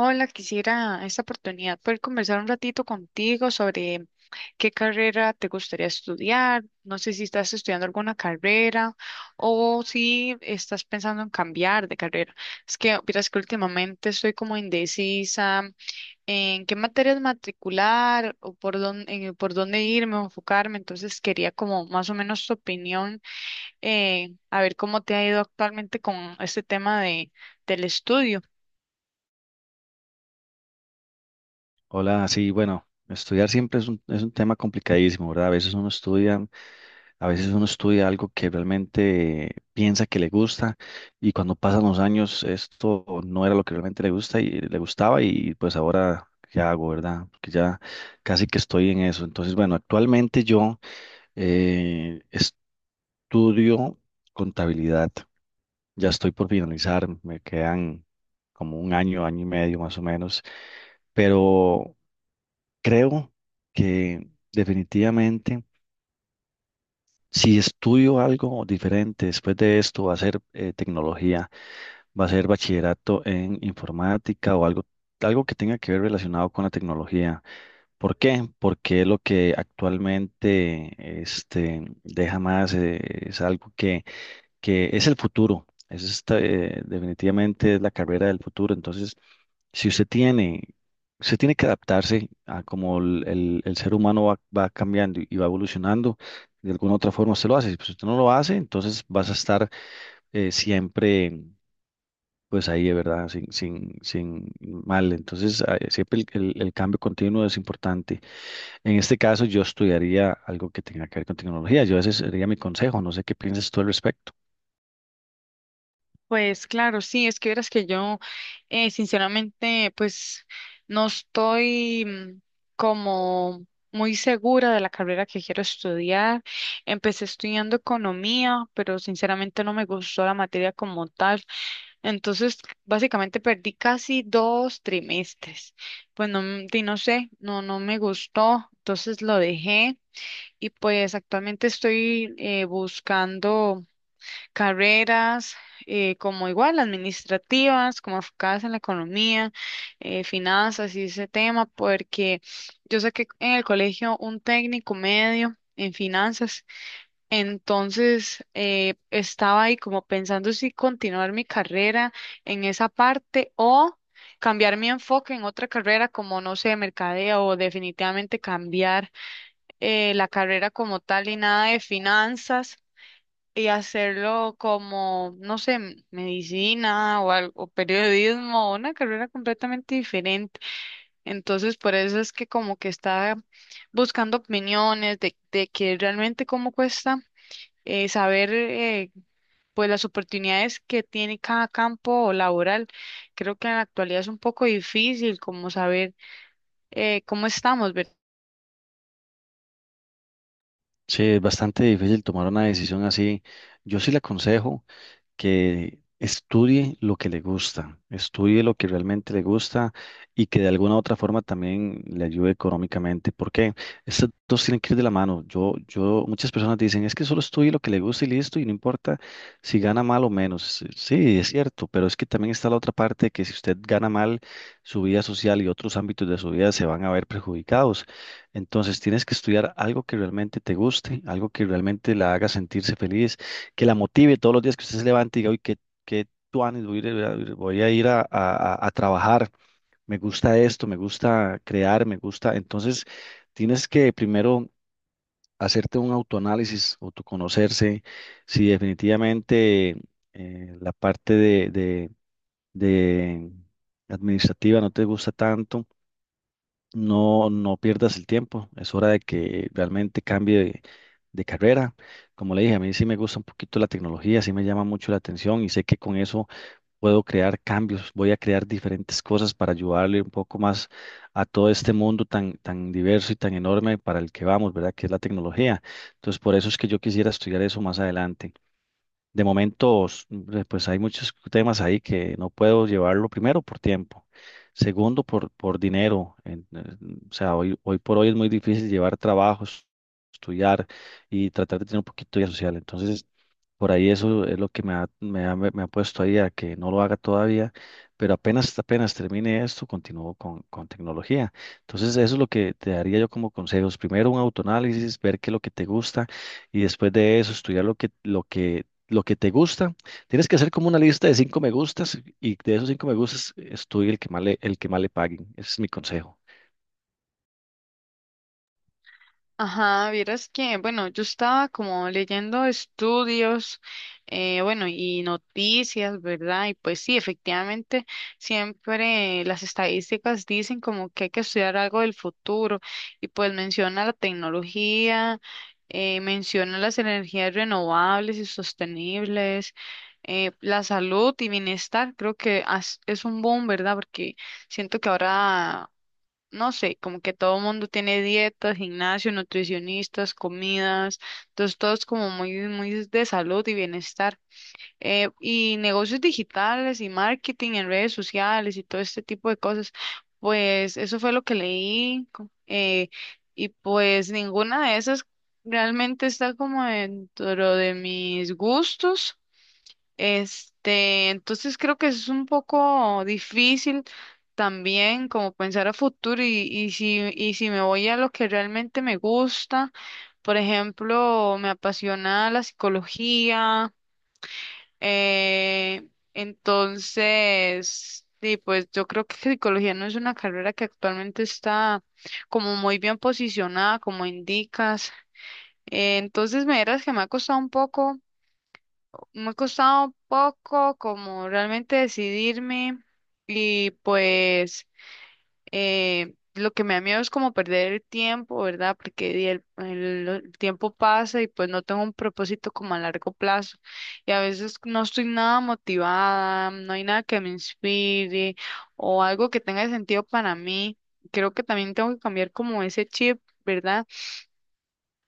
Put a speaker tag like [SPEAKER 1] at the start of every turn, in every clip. [SPEAKER 1] Hola, quisiera esta oportunidad poder conversar un ratito contigo sobre qué carrera te gustaría estudiar. No sé si estás estudiando alguna carrera o si estás pensando en cambiar de carrera. Es que, miras que últimamente estoy como indecisa en qué materias matricular o por dónde irme o enfocarme. Entonces quería como más o menos tu opinión, a ver cómo te ha ido actualmente con este tema de, del estudio.
[SPEAKER 2] Hola, sí, bueno, estudiar siempre es un tema complicadísimo, ¿verdad? A veces uno estudia algo que realmente piensa que le gusta y cuando pasan los años esto no era lo que realmente le gusta y le gustaba y pues ahora qué hago, ¿verdad? Porque ya casi que estoy en eso. Entonces, bueno, actualmente yo eh, estudio contabilidad. Ya estoy por finalizar, me quedan como un año, año y medio más o menos, pero creo que definitivamente si estudio algo diferente después de esto, va a ser tecnología, va a ser bachillerato en informática o algo, algo que tenga que ver relacionado con la tecnología. ¿Por qué? Porque es lo que actualmente este, deja más, es algo que es el futuro. Es esta, definitivamente es la carrera del futuro. Entonces, si usted tiene, usted tiene que adaptarse a cómo el ser humano va cambiando y va evolucionando de alguna otra forma usted lo hace. Si pues, usted no lo hace, entonces vas a estar siempre pues ahí de verdad, sin mal. Entonces, siempre el cambio continuo es importante. En este caso, yo estudiaría algo que tenga que ver con tecnología. Yo ese sería mi consejo. No sé qué piensas tú al respecto.
[SPEAKER 1] Pues claro, sí, es que verás que yo sinceramente pues no estoy como muy segura de la carrera que quiero estudiar. Empecé estudiando economía, pero sinceramente no me gustó la materia como tal. Entonces, básicamente perdí casi 2 trimestres. Pues no, di, no sé, no, no me gustó, entonces lo dejé y pues actualmente estoy buscando carreras como igual administrativas, como enfocadas en la economía, finanzas y ese tema, porque yo saqué en el colegio un técnico medio en finanzas, entonces estaba ahí como pensando si continuar mi carrera en esa parte o cambiar mi enfoque en otra carrera como, no sé, mercadeo o definitivamente cambiar la carrera como tal y nada de finanzas y hacerlo como, no sé, medicina o algo, o periodismo, una carrera completamente diferente. Entonces, por eso es que como que está buscando opiniones de que realmente cómo cuesta saber pues las oportunidades que tiene cada campo laboral. Creo que en la actualidad es un poco difícil como saber cómo.
[SPEAKER 2] Sí, es bastante difícil tomar una decisión así. Yo sí le aconsejo que estudie lo que le gusta, estudie lo que realmente le gusta y que de alguna u otra forma también le ayude económicamente, porque estos dos tienen que ir de la mano. Muchas personas dicen, es que solo estudie lo que le gusta y listo, y no importa si gana mal o menos. Sí, es cierto, pero es que también está la otra parte que si usted gana mal, su vida social y otros ámbitos de su vida se van a ver perjudicados. Entonces tienes que estudiar algo que realmente te guste, algo que realmente la haga sentirse feliz, que la motive todos los días, que usted se levante y diga, uy, qué, qué tuanes, voy a ir, voy a ir voy a ir a, a trabajar, me gusta esto, me gusta crear, me gusta. Entonces, tienes que primero hacerte un autoanálisis, autoconocerse, si definitivamente la parte de administrativa no te gusta tanto, no, no pierdas el tiempo, es hora de que realmente cambie de carrera. Como le dije, a mí sí me gusta un poquito la tecnología, sí me llama mucho la atención y sé que con eso puedo crear cambios, voy a crear diferentes cosas para ayudarle un poco más a todo este mundo tan, tan diverso y tan enorme para el que vamos, ¿verdad? Que es la tecnología. Entonces, por eso es que yo quisiera estudiar eso más adelante. De momentos, pues hay muchos temas ahí que no puedo llevarlo primero por tiempo, segundo por dinero. O sea, hoy por hoy es muy difícil llevar trabajos, estudiar y tratar de tener un poquito de vida social. Entonces, por ahí eso es lo que me ha puesto ahí a que no lo haga todavía, pero apenas termine esto, continúo con tecnología. Entonces, eso es lo que te daría yo como consejos. Primero un autoanálisis, ver qué es lo que te gusta y después de eso estudiar lo que te gusta. Tienes que hacer como una lista de cinco me gustas y de esos cinco me gustas estudia el que más le, el que más le paguen. Ese es mi consejo.
[SPEAKER 1] Ajá, vieras que, bueno, yo estaba como leyendo estudios, bueno, y noticias, ¿verdad? Y pues sí, efectivamente, siempre las estadísticas dicen como que hay que estudiar algo del futuro y pues menciona la tecnología, menciona las energías renovables y sostenibles, la salud y bienestar, creo que es un boom, ¿verdad? Porque siento que ahora no sé, como que todo el mundo tiene dietas, gimnasio, nutricionistas, comidas, entonces todo es como muy, muy de salud y bienestar. Y negocios digitales y marketing en redes sociales y todo este tipo de cosas, pues eso fue lo que leí y pues ninguna de esas realmente está como dentro de mis gustos. Este, entonces creo que es un poco difícil también como pensar a futuro y si me voy a lo que realmente me gusta, por ejemplo, me apasiona la psicología, eh, entonces, sí, pues yo creo que psicología no es una carrera que actualmente está como muy bien posicionada, como indicas, entonces me verás que me ha costado un poco como realmente decidirme y pues lo que me da miedo es como perder el tiempo, ¿verdad? Porque di el tiempo pasa y pues no tengo un propósito como a largo plazo y a veces no estoy nada motivada, no hay nada que me inspire o algo que tenga sentido para mí. Creo que también tengo que cambiar como ese chip, ¿verdad?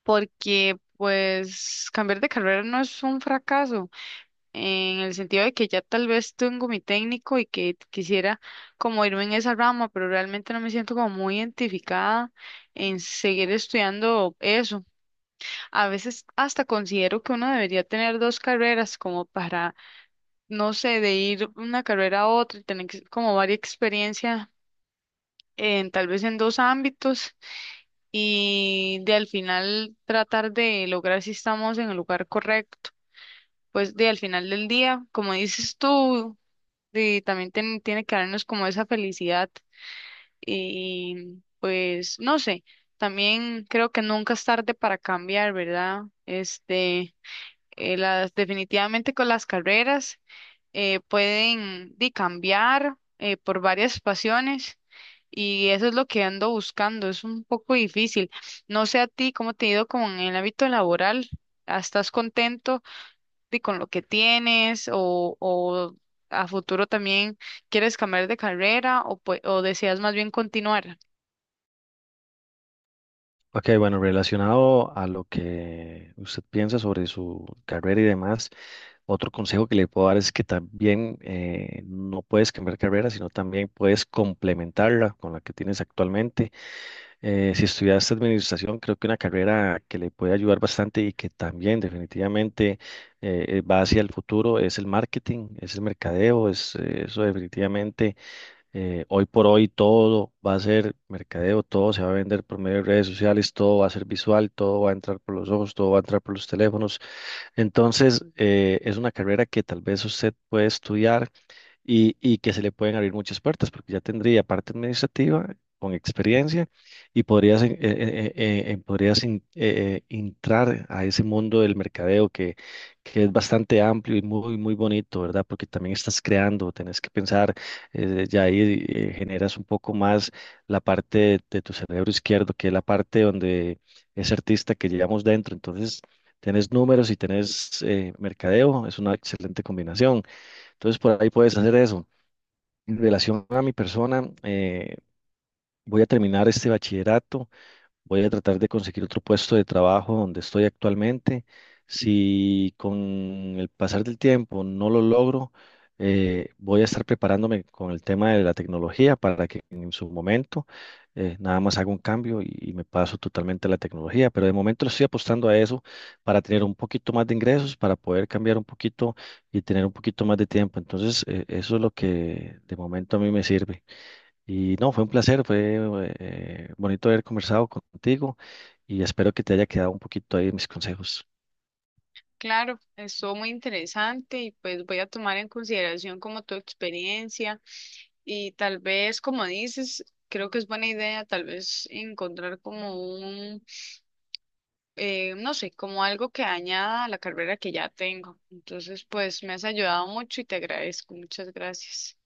[SPEAKER 1] Porque pues cambiar de carrera no es un fracaso en el sentido de que ya tal vez tengo mi técnico y que quisiera como irme en esa rama, pero realmente no me siento como muy identificada en seguir estudiando eso. A veces hasta considero que uno debería tener dos carreras como para, no sé, de ir una carrera a otra y tener como varia experiencia. En, tal vez en dos ámbitos y de al final tratar de lograr si estamos en el lugar correcto. Pues de al final del día, como dices tú, y también tiene que darnos como esa felicidad y pues no sé, también creo que nunca es tarde para cambiar, ¿verdad? Este, definitivamente con las carreras pueden cambiar por varias pasiones y eso es lo que ando buscando, es un poco difícil. No sé a ti, ¿cómo te ha ido con el ámbito laboral? Estás contento y con lo que tienes o a futuro también quieres cambiar de carrera o, o deseas más bien continuar?
[SPEAKER 2] Ok, bueno, relacionado a lo que usted piensa sobre su carrera y demás, otro consejo que le puedo dar es que también no puedes cambiar carrera, sino también puedes complementarla con la que tienes actualmente. Si estudiaste administración, creo que una carrera que le puede ayudar bastante y que también definitivamente va hacia el futuro es el marketing, es el mercadeo, es eso definitivamente hoy por hoy todo va a ser mercadeo, todo se va a vender por medio de redes sociales, todo va a ser visual, todo va a entrar por los ojos, todo va a entrar por los teléfonos. Entonces, es una carrera que tal vez usted puede estudiar y que se le pueden abrir muchas puertas, porque ya tendría parte administrativa con experiencia y podrías, podrías entrar a ese mundo del mercadeo, que es bastante amplio y muy, muy bonito, ¿verdad? Porque también estás creando, tenés que pensar, ya ahí generas un poco más la parte de tu cerebro izquierdo, que es la parte donde es artista que llevamos dentro, entonces... Tenés números y tenés mercadeo, es una excelente combinación. Entonces, por ahí puedes hacer eso. En relación a mi persona, voy a terminar este bachillerato. Voy a tratar de conseguir otro puesto de trabajo donde estoy actualmente. Si con el pasar del tiempo no lo logro, voy a estar preparándome con el tema de la tecnología para que en su momento nada más haga un cambio y me paso totalmente a la tecnología. Pero de momento estoy apostando a eso para tener un poquito más de ingresos, para poder cambiar un poquito y tener un poquito más de tiempo. Entonces, eso es lo que de momento a mí me sirve. Y no, fue un placer, fue bonito haber conversado contigo y espero que te haya quedado un poquito ahí mis consejos.
[SPEAKER 1] Claro, estuvo muy interesante y pues voy a tomar en consideración como tu experiencia y tal vez, como dices, creo que es buena idea tal vez encontrar como un, no sé, como algo que añada a la carrera que ya tengo. Entonces, pues me has ayudado mucho y te agradezco. Muchas gracias.